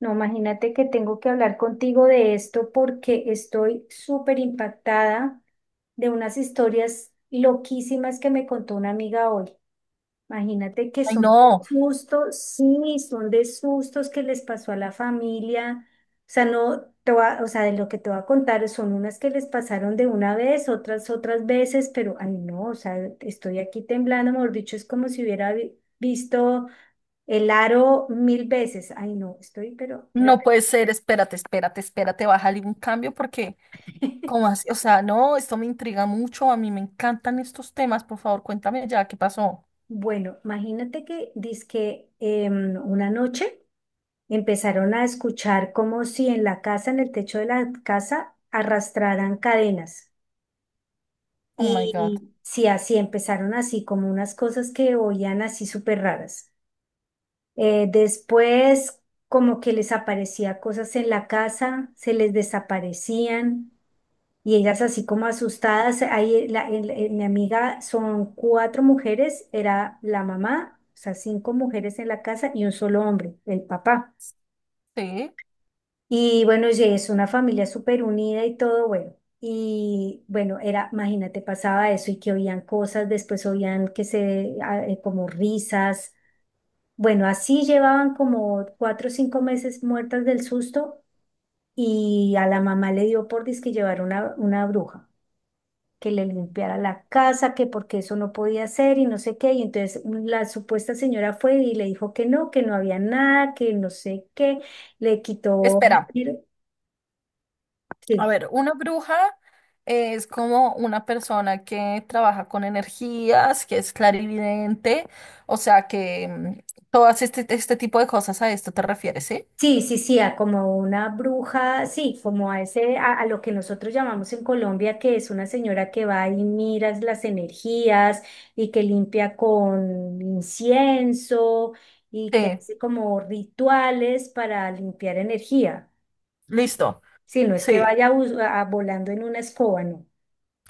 No, imagínate que tengo que hablar contigo de esto porque estoy súper impactada de unas historias loquísimas que me contó una amiga hoy. Imagínate que Ay, son no, sustos, sí, son de sustos que les pasó a la familia. O sea, no, o sea, de lo que te voy a contar son unas que les pasaron de una vez, otras veces, pero ay no, o sea, estoy aquí temblando, mejor dicho, es como si hubiera visto el aro mil veces. Ay, no, estoy, pero... no re- puede ser, espérate, espérate, espérate, bájale un cambio porque, ¿cómo así? O sea, no, esto me intriga mucho, a mí me encantan estos temas, por favor, cuéntame ya, ¿qué pasó? Bueno, imagínate que dizque una noche empezaron a escuchar como si en la casa, en el techo de la casa, arrastraran cadenas. Oh my God, Y sí, así empezaron así, como unas cosas que oían así súper raras. Después, como que les aparecía cosas en la casa, se les desaparecían. Y ellas así como asustadas, ahí la- el- mi amiga son cuatro mujeres, era la mamá, o sea, cinco mujeres en la casa y un solo hombre, el papá. sí. Y bueno, y es una familia súper unida y todo, bueno. Y bueno, era, imagínate, pasaba eso y que oían cosas, después oían que como risas. Bueno, así llevaban como 4 o 5 meses muertas del susto y a la mamá le dio por dizque llevar una bruja, que le limpiara la casa, que porque eso no podía ser y no sé qué. Y entonces la supuesta señora fue y le dijo que no había nada, que no sé qué, le quitó Espera, dinero. a Sí. ver, una bruja es como una persona que trabaja con energías, que es clarividente, o sea, que todas este tipo de cosas a esto te refieres, ¿sí? Sí, sí, sí, a como una bruja, sí, como a ese, a lo que nosotros llamamos en Colombia, que es una señora que va y mira las energías y que limpia con incienso y Sí, que hace como rituales para limpiar energía. ¿Mm? listo. Sí, no es que Sí, vaya volando en una escoba, no.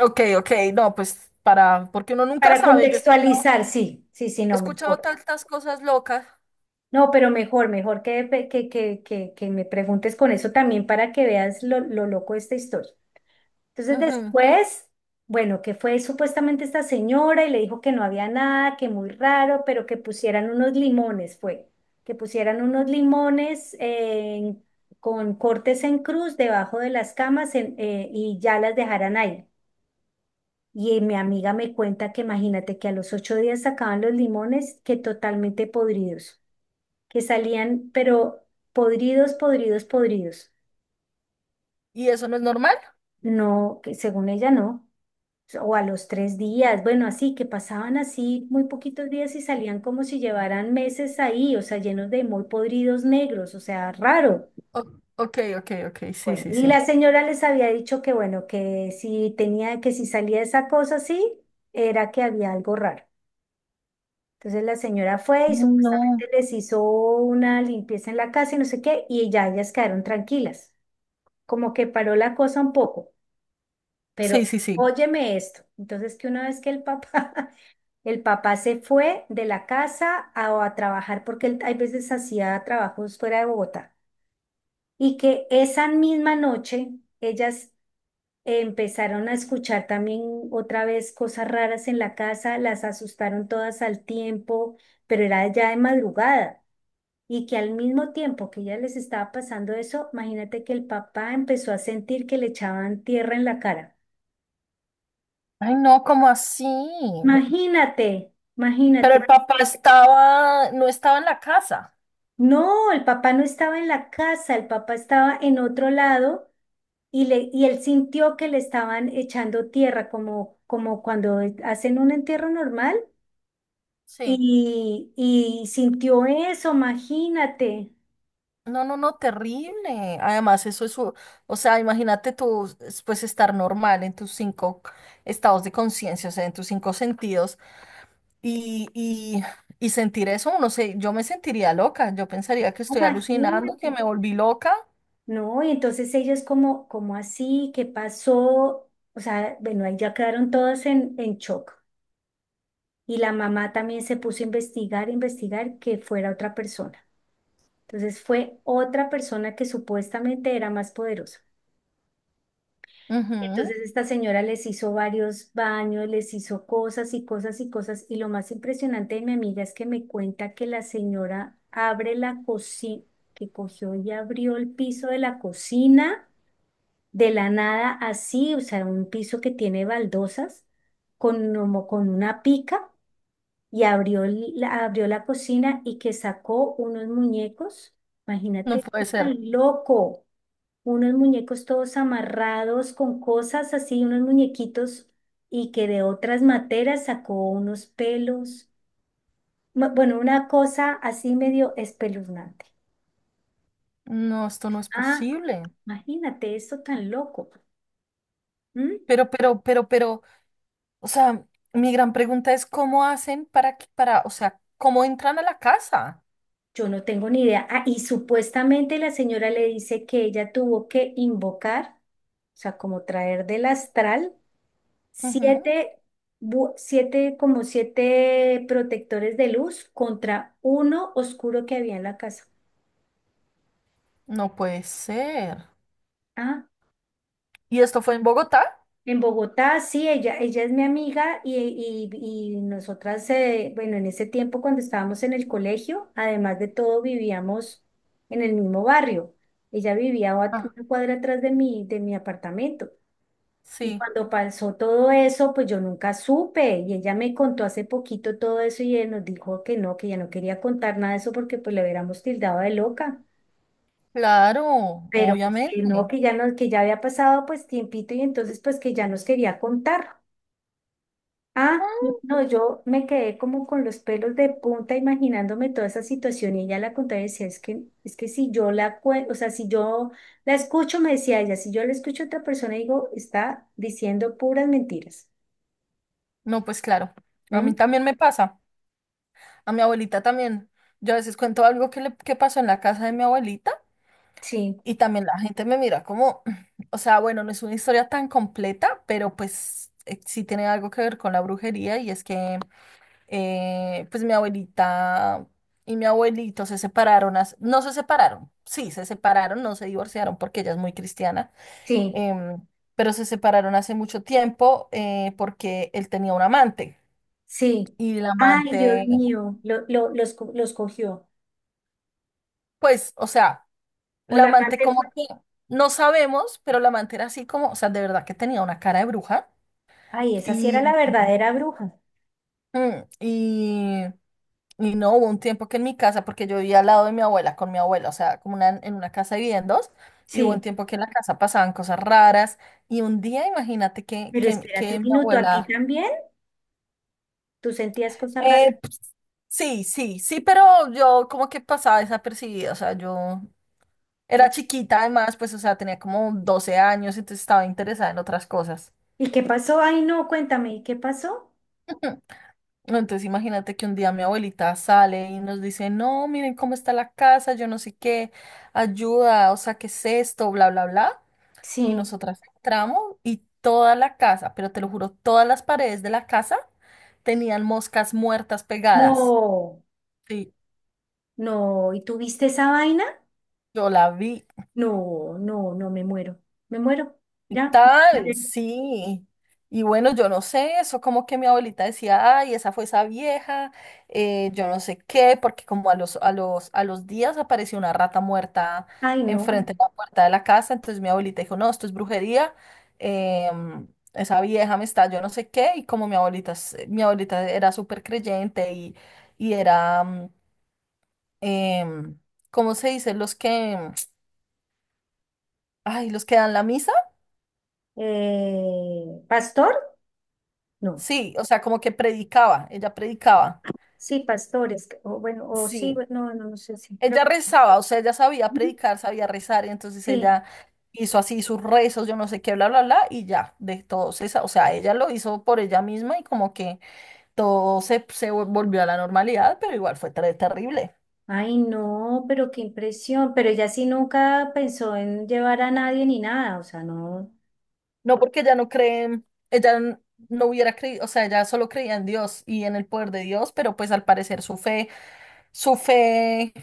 ok, ok. No, pues para, porque uno nunca Para sabe. Yo contextualizar, sí, sí, sí, he no, escuchado mejor. tantas cosas locas. No, pero mejor, mejor que, pe- que me preguntes con eso también para que veas lo loco de esta historia. Entonces Ujú. después, bueno, que fue supuestamente esta señora y le dijo que no había nada, que muy raro, pero que pusieran unos limones, fue, que pusieran unos limones con cortes en cruz debajo de las camas y ya las dejaran ahí. Y mi amiga me cuenta que imagínate que a los 8 días sacaban los limones que totalmente podridos, que salían, pero podridos, podridos, podridos. ¿Y eso no es normal? No, que según ella no. O a los 3 días, bueno, así que pasaban así muy poquitos días y salían como si llevaran meses ahí, o sea, llenos de muy podridos negros, o sea, raro. O- ok, ok, ok. Sí, Bueno, sí, y sí. la señora les había dicho que bueno, que si tenía, que si salía esa cosa así, era que había algo raro. Entonces la señora fue y No. supuestamente les hizo una limpieza en la casa y no sé qué, y ya ellas quedaron tranquilas, como que paró la cosa un poco, Sí, pero sí, sí. óyeme esto. Entonces que una vez que el papá, el papá se fue de la casa a trabajar, porque él hay veces hacía trabajos fuera de Bogotá, y que esa misma noche ellas empezaron a escuchar también otra vez cosas raras en la casa, las asustaron todas al tiempo, pero era ya de madrugada. Y que al mismo tiempo que ella les estaba pasando eso, imagínate que el papá empezó a sentir que le echaban tierra en la cara. Ay, no, ¿cómo así? Imagínate, Pero imagínate. el papá estaba, no estaba en la casa. No, el papá no estaba en la casa, el papá estaba en otro lado y, le, y él sintió que le estaban echando tierra, como, como cuando hacen un entierro normal. Sí. Y sintió eso, imagínate, No, no, no, terrible. Además, eso es, o sea, imagínate tú, es, pues estar normal en tus cinco estados de conciencia, o sea, en tus cinco sentidos y, y, y sentir eso, no sé, yo me sentiría loca, yo pensaría que estoy alucinando, imagínate. que me volví loca. No, y entonces ellos como, como así, ¿qué pasó? O sea, bueno, ahí ya quedaron todos en shock. Y la mamá también se puso a investigar, investigar que fuera otra persona. Entonces fue otra persona que supuestamente era más poderosa. Ujú. Entonces esta señora les hizo varios baños, les hizo cosas y cosas y cosas. Y lo más impresionante de mi amiga es que me cuenta que la señora abre la cocina, que cogió y abrió el piso de la cocina de la nada así, o sea, un piso que tiene baldosas como con una pica y abrió la cocina y que sacó unos muñecos, No imagínate, puede ser. tan loco, unos muñecos todos amarrados con cosas así, unos muñequitos y que de otras materas sacó unos pelos, bueno, una cosa así medio espeluznante. No, esto no es Ah, posible. imagínate eso tan loco. ¿Mm? Pero, o sea, mi gran pregunta es cómo hacen para, para, o sea, cómo entran a la casa. Yo no tengo ni idea. Ah, y supuestamente la señora le dice que ella tuvo que invocar, o sea, como traer del astral, Ujú. siete, siete, como siete protectores de luz contra uno oscuro que había en la casa. No puede ser. Ah, ¿Y esto fue en Bogotá? en Bogotá, sí, ella es mi amiga y, nosotras, bueno, en ese tiempo cuando estábamos en el colegio, además de todo, vivíamos en el mismo barrio. Ella vivía Ah, una cuadra atrás de mi apartamento. Y sí, cuando pasó todo eso, pues yo nunca supe. Y ella me contó hace poquito todo eso y nos dijo que no, que ya no quería contar nada de eso porque pues le hubiéramos tildado de loca. claro, Pero pues que no, obviamente. que ya no, que ya había pasado pues tiempito y entonces pues que ya nos quería contar. Ah, no, no, yo me quedé como con los pelos de punta imaginándome toda esa situación y ella la contaba y decía, es que si yo o sea, si yo la escucho, me decía ella, si yo la escucho a otra persona, digo, está diciendo puras mentiras. No, pues claro, a mí ¿Mm? también me pasa, a mi abuelita también. Yo a veces cuento algo que pasó en la casa de mi abuelita Sí, y también la gente me mira como, o sea, bueno, no es una historia tan completa, pero pues sí tiene algo que ver con la brujería, y es que pues mi abuelita y mi abuelito se separaron, no se separaron, sí, se separaron, no se divorciaron porque ella es muy cristiana. sí, em, pero se separaron hace mucho tiempo porque él tenía un amante sí. y la Ay, Dios amante, mío, los cogió. pues, o sea, O la la amante amante fue, como que no sabemos, pero la amante era así como, o sea, de verdad que tenía una cara de bruja ay, esa sí era la y, verdadera bruja. mm, y, y no hubo un tiempo que en mi casa, porque yo vivía al lado de mi abuela con mi abuela, o sea, como en una casa vivían dos. Y hubo un Sí, tiempo que en la casa pasaban cosas raras. Y un día, imagínate que, pero que, espérate que un mi minuto, ¿a ti abuela. también? ¿Tú sentías cosas raras? Eh, sí, sí, sí, pero yo como que pasaba desapercibida, o sea, yo era chiquita además, pues, o sea, tenía como 12 años, entonces estaba interesada en otras cosas. ¿Y qué pasó? Ay, no, cuéntame, ¿y qué pasó? Entonces imagínate que un día mi abuelita sale y nos dice, no, miren cómo está la casa, yo no sé qué, ayuda, o sea, ¿qué es esto? Bla, bla, bla. Y Sí. nosotras entramos y toda la casa, pero te lo juro, todas las paredes de la casa tenían moscas muertas pegadas. No. Sí, No, ¿y tuviste esa vaina? yo la vi. No, no, no, me muero. Me muero. Ya. Me Tal, muero. sí. Y bueno, yo no sé, eso como que mi abuelita decía, ay, esa fue esa vieja, yo no sé qué, porque como a los días apareció una rata muerta Ay, no. enfrente de la puerta de la casa, entonces mi abuelita dijo, no, esto es brujería, em, esa vieja me está, yo no sé qué, y como mi abuelita, mi abuelita era súper creyente y era, em, ¿cómo se dice? Los que, ay, los que dan la misa, ¿Pastor? No. sí, o sea, como que predicaba, ella predicaba. Sí, pastores. O bueno, o sí, Sí, bueno, no, no, no sé si creo ella que. rezaba, o sea, ella sabía Ujú, predicar, sabía rezar, y entonces sí. ella hizo así sus rezos, yo no sé qué, bla, bla, bla, y ya, de todo o sea, ella lo hizo por ella misma y como que todo se volvió a la normalidad, pero igual fue terrible. Ay, no, pero qué impresión. Pero ella sí nunca pensó en llevar a nadie ni nada. O sea, no. No porque ella no cree, ella n- no hubiera creído, o sea, ella solo creía en Dios y en el poder de Dios, pero pues al parecer su fe,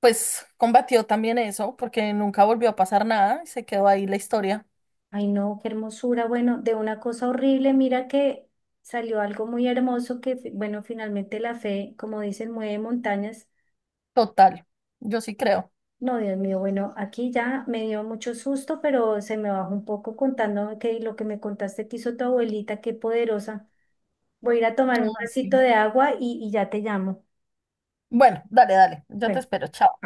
pues combatió también eso, porque nunca volvió a pasar nada, y se quedó ahí la historia Ay, no, qué hermosura. Bueno, de una cosa horrible, mira que salió algo muy hermoso que, bueno, finalmente la fe, como dicen, mueve montañas. total, yo sí creo. No, Dios mío, bueno, aquí ya me dio mucho susto, pero se me bajó un poco contándome que lo que me contaste que hizo tu abuelita, qué poderosa. Voy a ir a tomarme un Ah, vasito sí. de agua y ya te llamo. Bueno, dale, dale. Yo te Bueno. espero. Chao.